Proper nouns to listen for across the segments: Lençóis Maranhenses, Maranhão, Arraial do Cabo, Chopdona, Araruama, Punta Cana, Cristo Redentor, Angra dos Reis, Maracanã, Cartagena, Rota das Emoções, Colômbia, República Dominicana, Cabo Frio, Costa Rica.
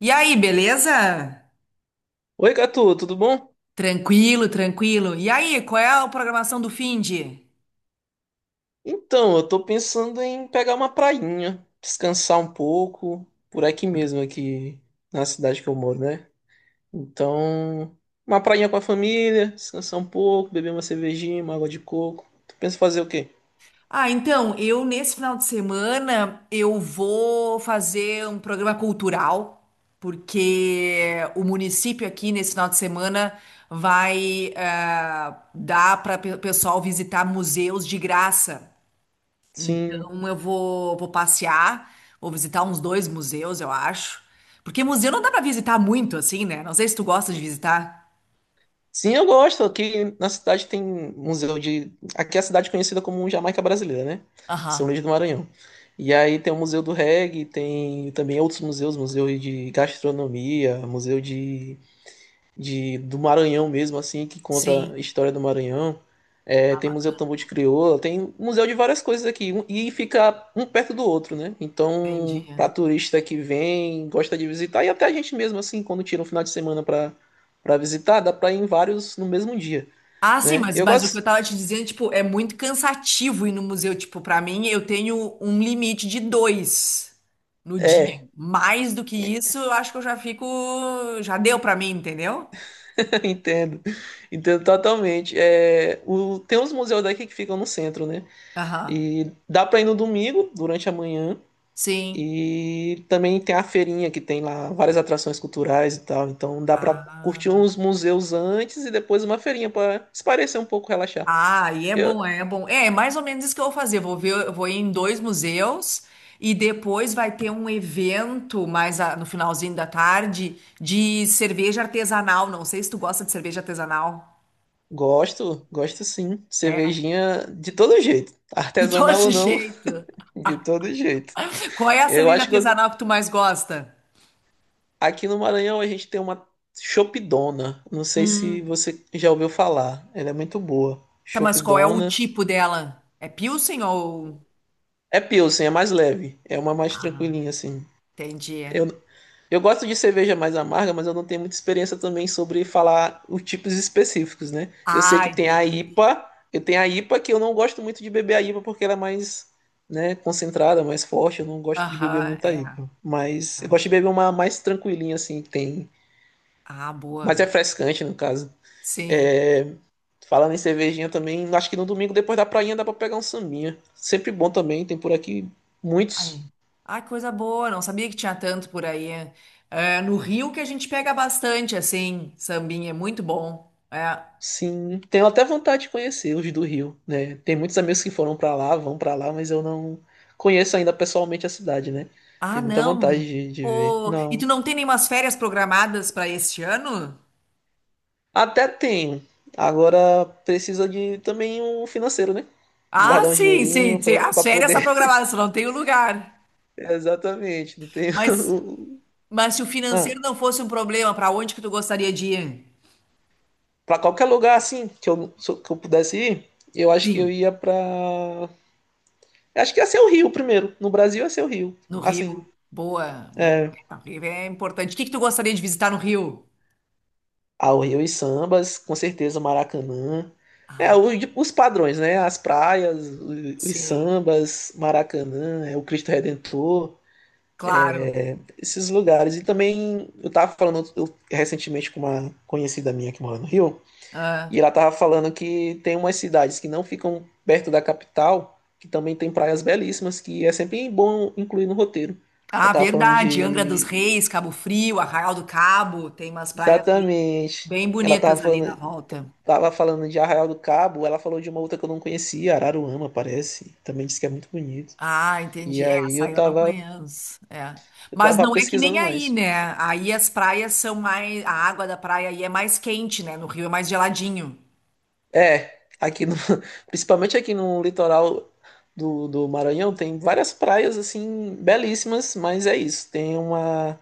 E aí, beleza? Oi, Gatu, tudo bom? Tranquilo, tranquilo. E aí, qual é a programação do finde? Então, eu tô pensando em pegar uma prainha, descansar um pouco, por aqui mesmo, aqui na cidade que eu moro, né? Então, uma prainha com a família, descansar um pouco, beber uma cervejinha, uma água de coco. Tu pensa em fazer o quê? Ah, então, eu nesse final de semana eu vou fazer um programa cultural, porque o município aqui nesse final de semana vai dar para o pessoal visitar museus de graça. Sim. Então eu vou passear, vou visitar uns dois museus, eu acho. Porque museu não dá para visitar muito assim, né? Não sei se tu gosta de visitar. Sim, eu gosto. Aqui na cidade tem museu de. Aqui é a cidade conhecida como Jamaica Brasileira, né? São Aham. Luís do Maranhão. E aí tem o Museu do Reggae, tem também outros museus, museu de gastronomia, museu de do Maranhão mesmo, assim, que conta Sim. a história do Maranhão. É, Ah, tem Museu do Tambor bacana, de Crioula, tem museu de várias coisas aqui, e fica um perto do outro, né? Então, entendi. para turista que vem, gosta de visitar, e até a gente mesmo, assim, quando tira um final de semana para visitar, dá para ir em vários no mesmo dia, Ah, sim, né? mas, Eu mas o que eu gosto. tava te dizendo, tipo, é muito cansativo ir no museu. Tipo, pra mim, eu tenho um limite de dois no dia. É, Mais do que isso, eu acho que eu já fico. Já deu pra mim, entendeu? entendo. Entendo totalmente. É, tem uns museus daqui que ficam no centro, né? Aham. E dá para ir no domingo, durante a manhã. Sim. E também tem a feirinha que tem lá várias atrações culturais e tal. Então dá pra curtir Ah. uns museus antes e depois uma feirinha pra se parecer um pouco, relaxar. Ah, e é Eu bom, é bom. É mais ou menos isso que eu vou fazer. Vou ver, eu vou ir em dois museus e depois vai ter um evento mais no finalzinho da tarde de cerveja artesanal. Não sei se tu gosta de cerveja artesanal. gosto, gosto sim. É, Cervejinha de todo jeito, de todo artesanal ou não, jeito. de todo jeito. Qual é a Eu cerveja acho que eu- artesanal que tu mais gosta? Aqui no Maranhão a gente tem uma Chopdona. Não sei se Hum. você já ouviu falar. Ela é muito boa. Tá, mas qual é o Chopdona. tipo dela? É Pilsen ou... É Pilsen, é mais leve. É uma mais tranquilinha assim. Entendi. Eu, Eu gosto de cerveja mais amarga, mas eu não tenho muita experiência também sobre falar os tipos específicos, né? Eu sei Ah, que tem a entendi. IPA, eu tenho a IPA que eu não gosto muito de beber a IPA porque ela é mais, né, concentrada, mais forte, eu não gosto de beber Aham, muita é. IPA. Mas eu gosto de Verdade. beber uma mais tranquilinha assim, que tem, Ah, mais boa. refrescante no caso. Sim. É, falando em cervejinha também, acho que no domingo depois da prainha dá pra pegar um sambinha. Sempre bom também, tem por aqui Ah, muitos. é. Ah, que coisa boa, não sabia que tinha tanto por aí. É, no Rio que a gente pega bastante, assim, sambinha, é muito bom. É. Sim, tenho até vontade de conhecer os do Rio, né? Tem muitos amigos que foram pra lá, vão pra lá, mas eu não conheço ainda pessoalmente a cidade, né? Ah, Tenho muita vontade não. de ver. Pô, e tu Não. não tem nenhumas férias programadas para este ano? Até tenho. Agora precisa de também um financeiro, né? Ah, Guardar um sim, sim, dinheirinho sim. pra, As pra férias estão poder. programadas, só não tem o lugar. Exatamente. Não tenho. Mas, mas se o financeiro Ah, não fosse um problema, para onde que tu gostaria de ir? pra qualquer lugar assim que que eu pudesse ir, eu acho que eu Sim, ia pra. Acho que ia ser o Rio primeiro. No Brasil ia ser o Rio. no Assim. Rio. Boa, boa. É. O Rio é importante. O que que tu gostaria de visitar no Rio? Ao Rio e sambas, com certeza o Maracanã. É, Ah, os padrões, né? As praias, os sim, sambas, Maracanã, é, o Cristo Redentor, claro. esses lugares. E também eu tava falando recentemente com uma conhecida minha que mora no Rio, e Ah. ela tava falando que tem umas cidades que não ficam perto da capital, que também tem praias belíssimas, que é sempre bom incluir no roteiro. Ela Ah, tava falando verdade. Angra dos de. Reis, Cabo Frio, Arraial do Cabo, tem umas praias bem, Exatamente. bem Ela tava bonitas ali na falando volta. Tava falando de Arraial do Cabo, ela falou de uma outra que eu não conhecia, Araruama, parece. Também disse que é muito bonito. Ah, E entendi. É, aí essa eu não conheço. É. eu Mas tava não é que nem pesquisando aí, mais. né? Aí as praias são mais. A água da praia aí é mais quente, né? No Rio é mais geladinho. É, aqui no, principalmente aqui no litoral do Maranhão tem várias praias assim belíssimas, mas é isso.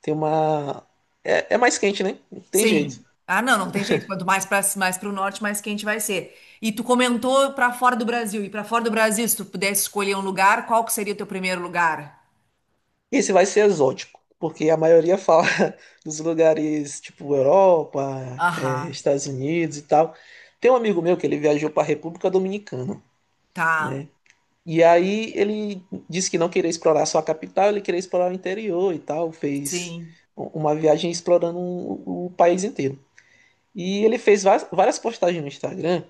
tem uma, é mais quente, né? Não tem jeito. Sim. Ah, não, não tem jeito. Quanto mais para o norte, mais quente vai ser. E tu comentou para fora do Brasil. E para fora do Brasil, se tu pudesse escolher um lugar, qual que seria o teu primeiro lugar? Esse vai ser exótico, porque a maioria fala dos lugares tipo Europa, Aham, Estados Unidos e tal. Tem um amigo meu que ele viajou para a República Dominicana, tá. né? E aí ele disse que não queria explorar só a capital, ele queria explorar o interior e tal. Fez Sim. Uma viagem explorando o país inteiro. E ele fez várias postagens no Instagram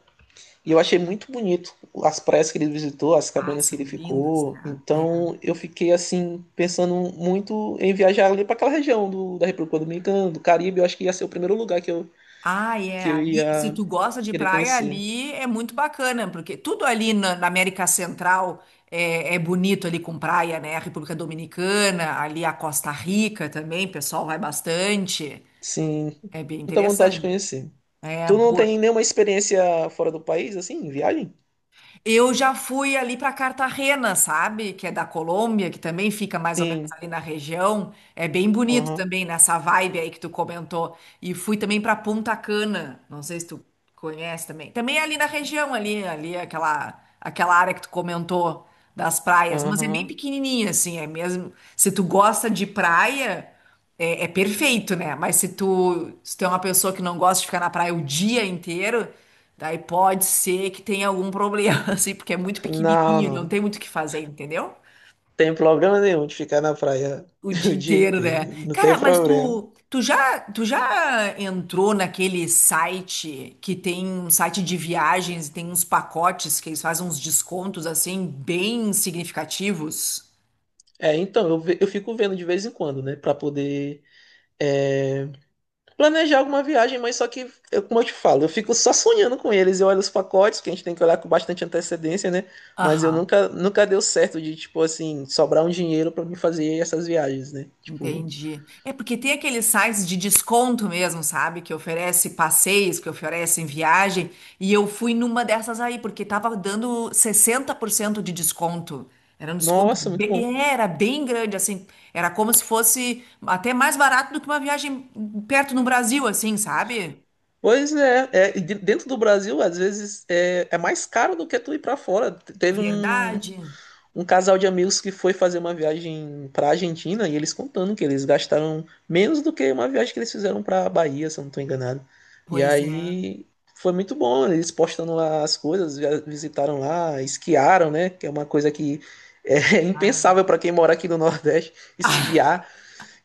e eu achei muito bonito as praias que ele visitou, as Ah, cabanas que ele são lindos, ficou. né? É. Então eu fiquei assim, pensando muito em viajar ali para aquela região do, da República Dominicana, do Caribe. Eu acho que ia ser o primeiro lugar Ah, é. que eu Ali, se ia tu gosta de querer praia, conhecer. ali é muito bacana, porque tudo ali na, América Central é bonito ali com praia, né? A República Dominicana, ali a Costa Rica também, o pessoal vai bastante. Sim, É bem muita vontade de interessante. conhecer. É Tu não tem boa. nenhuma experiência fora do país, assim, em viagem? Eu já fui ali para Cartagena, sabe? Que é da Colômbia, que também fica mais ou menos Sim. ali na região. É bem bonito Aham, também nessa vibe aí que tu comentou. E fui também para Punta Cana. Não sei se tu conhece também. Também é ali na região ali aquela área que tu comentou das praias, mas é bem aham. pequenininha assim, é mesmo. Se tu gosta de praia, é perfeito, né? Mas se tu é uma pessoa que não gosta de ficar na praia o dia inteiro, daí pode ser que tenha algum problema, assim, porque é muito Não, pequenininho, não não. tem muito o que fazer, entendeu? Tem problema nenhum de ficar na praia O o dia dia inteiro, inteiro. né? Não tem Cara, mas problema. tu, tu já entrou naquele site que tem um site de viagens e tem uns pacotes que eles fazem uns descontos, assim, bem significativos? É, então, eu fico vendo de vez em quando, né? Pra poder é, planejar alguma viagem, mas só que, como eu te falo, eu fico só sonhando com eles. Eu olho os pacotes, que a gente tem que olhar com bastante antecedência, né? Mas eu Aham. nunca, nunca deu certo de, tipo assim, sobrar um dinheiro pra mim fazer essas viagens, né? Tipo, Entendi. É porque tem aqueles sites de desconto mesmo, sabe? Que oferece passeios, que oferecem viagem. E eu fui numa dessas aí, porque tava dando 60% de desconto. Era um desconto nossa, muito bom. bem, era bem grande, assim. Era como se fosse até mais barato do que uma viagem perto no Brasil, assim, sabe? Pois é, é, e dentro do Brasil, às vezes, é, é mais caro do que tu ir pra fora. Teve um, Verdade. um casal de amigos que foi fazer uma viagem para a Argentina e eles contando que eles gastaram menos do que uma viagem que eles fizeram para a Bahia, se eu não estou enganado. E Pois é. aí foi muito bom, eles postando lá as coisas, visitaram lá, esquiaram, né? Que é uma coisa que é Ah. impensável para quem mora aqui no Nordeste, esquiar.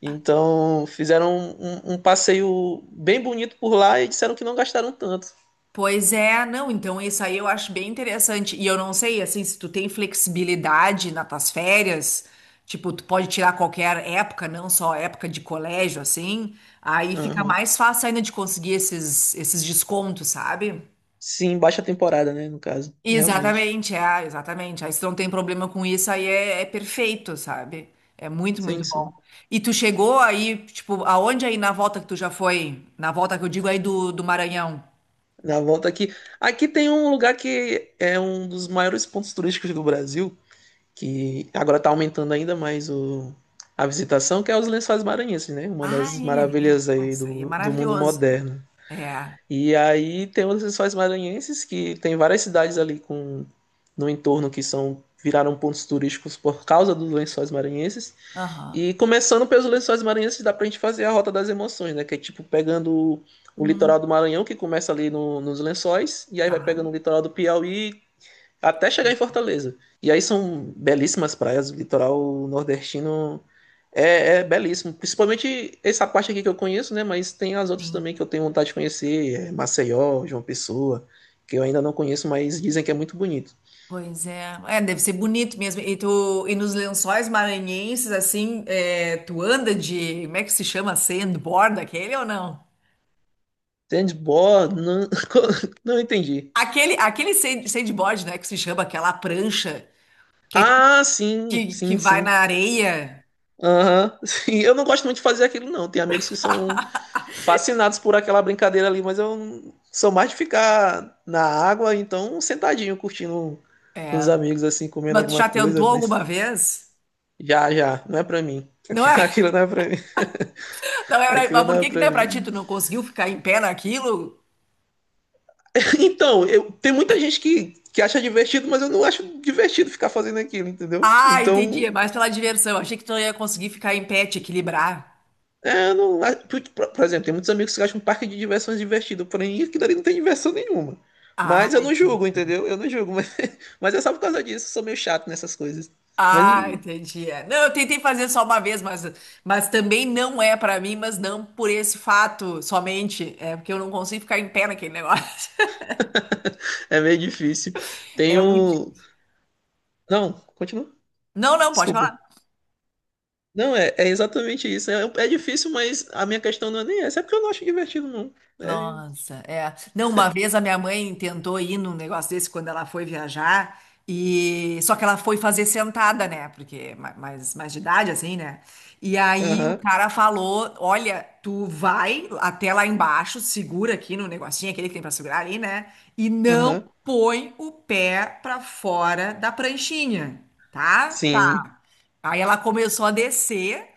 Então fizeram um, um passeio bem bonito por lá e disseram que não gastaram tanto. Pois é, não, então isso aí eu acho bem interessante. E eu não sei, assim, se tu tem flexibilidade nas tuas férias, tipo, tu pode tirar qualquer época, não só época de colégio, assim, aí fica Aham. mais fácil ainda de conseguir esses descontos, sabe? Sim, baixa temporada, né? No caso, realmente. Exatamente, é, exatamente. Aí se não tem problema com isso, aí é perfeito, sabe? É muito, muito Sim, bom. sim. E tu chegou aí, tipo, aonde aí na volta que tu já foi? Na volta que eu digo aí do, Maranhão? Na volta aqui. Aqui tem um lugar que é um dos maiores pontos turísticos do Brasil, que agora está aumentando ainda mais a visitação, que é os Lençóis Maranhenses, né? Uma Ah, das é. maravilhas Ah, aí isso aí é do mundo maravilhoso. moderno. É. E aí tem os Lençóis Maranhenses, que tem várias cidades ali no entorno que são viraram pontos turísticos por causa dos Lençóis Maranhenses. Aham. E começando pelos Lençóis Maranhenses, dá pra gente fazer a Rota das Emoções, né? Que é tipo pegando o Hum, litoral do Maranhão, que começa ali nos Lençóis, e aí vai pegando tá, o litoral do Piauí até chegar em Fortaleza. E aí são belíssimas praias, o litoral nordestino é belíssimo. Principalmente essa parte aqui que eu conheço, né? Mas tem as outras sim. também que eu tenho vontade de conhecer, é Maceió, João Pessoa, que eu ainda não conheço, mas dizem que é muito bonito. Pois é. É, deve ser bonito mesmo. E, e nos Lençóis Maranhenses, assim, tu anda de. Como é que se chama? Sandboard, aquele ou não? Sandboard, não, não entendi. Aquele sandboard, né? Que se chama aquela prancha que, é, ti- Ah, sim, que sim, vai sim. na areia. Aham, sim. Eu não gosto muito de fazer aquilo, não. Tem amigos que são fascinados por aquela brincadeira ali, mas eu não- sou mais de ficar na água, então sentadinho, curtindo com os É. amigos, assim, comendo Mas tu alguma já coisa, tentou mas alguma vez? já, já, não é pra mim. Não é? Aquilo não é pra mim. Não é, Aquilo mas por não é que que pra não é pra ti? mim. Tu não conseguiu ficar em pé naquilo? Então, eu, tem muita gente que acha divertido, mas eu não acho divertido ficar fazendo aquilo, entendeu? Ah, entendi. Então, É mais pela diversão. Achei que tu não ia conseguir ficar em pé, te equilibrar. é, não, por exemplo, tem muitos amigos que acham um parque de diversões divertido, porém aquilo ali não tem diversão nenhuma. Ah, Mas eu não julgo, entendeu? Eu não julgo, mas, mas é só por causa disso, eu sou meio chato nessas coisas. Mas ah, não- entendi. É. Não, eu tentei fazer só uma vez, mas também não é pra mim, mas não por esse fato somente. É porque eu não consigo ficar em pé naquele negócio. É meio difícil. Tem É muito. um. Não, continua. Não, não, pode Desculpa. falar. Não, é exatamente isso. É difícil, mas a minha questão não é nem essa, é porque eu não acho divertido, não. É. Nossa, é. Não, uma vez a minha mãe tentou ir num negócio desse quando ela foi viajar, e só que ela foi fazer sentada, né? Porque é mais de idade, assim, né? E aí o Aham, cara falou: Olha, tu vai até lá embaixo, segura aqui no negocinho, aquele que tem pra segurar ali, né? E não aham. põe o pé pra fora da pranchinha, tá? Sim. Aí ela começou a descer,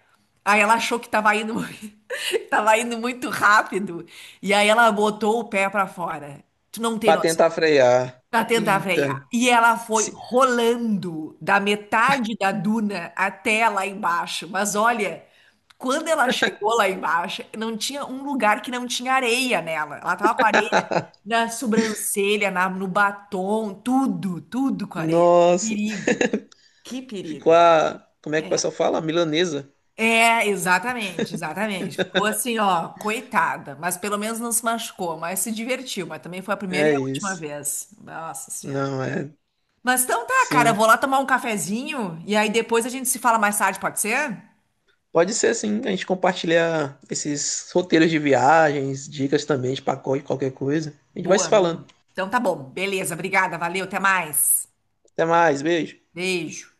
aí ela achou que tava indo, tava indo muito rápido, e aí ela botou o pé pra fora. Tu não tem Pra noção. tentar frear. Pra tentar Eita. frear. E ela foi Se- rolando da metade da duna até lá embaixo. Mas olha, quando ela chegou lá embaixo, não tinha um lugar que não tinha areia nela. Ela tava com areia na sobrancelha, no batom, tudo, tudo com areia. Que Nossa. perigo, que Ficou perigo. a. Como é que o É. pessoal fala? A milanesa. Exatamente, exatamente. Ficou assim, ó, coitada, mas pelo menos não se machucou, mas se divertiu, mas também foi a primeira e É a última isso. vez. Nossa Senhora. Não, é. Mas então tá, cara, eu vou Sim. lá tomar um cafezinho e aí depois a gente se fala mais tarde, pode ser? Pode ser sim, a gente compartilhar esses roteiros de viagens, dicas também de pacote, qualquer coisa. A gente vai se Boa, falando. boa. Então tá bom, beleza, obrigada, valeu, até mais. Até mais, beijo. Beijo.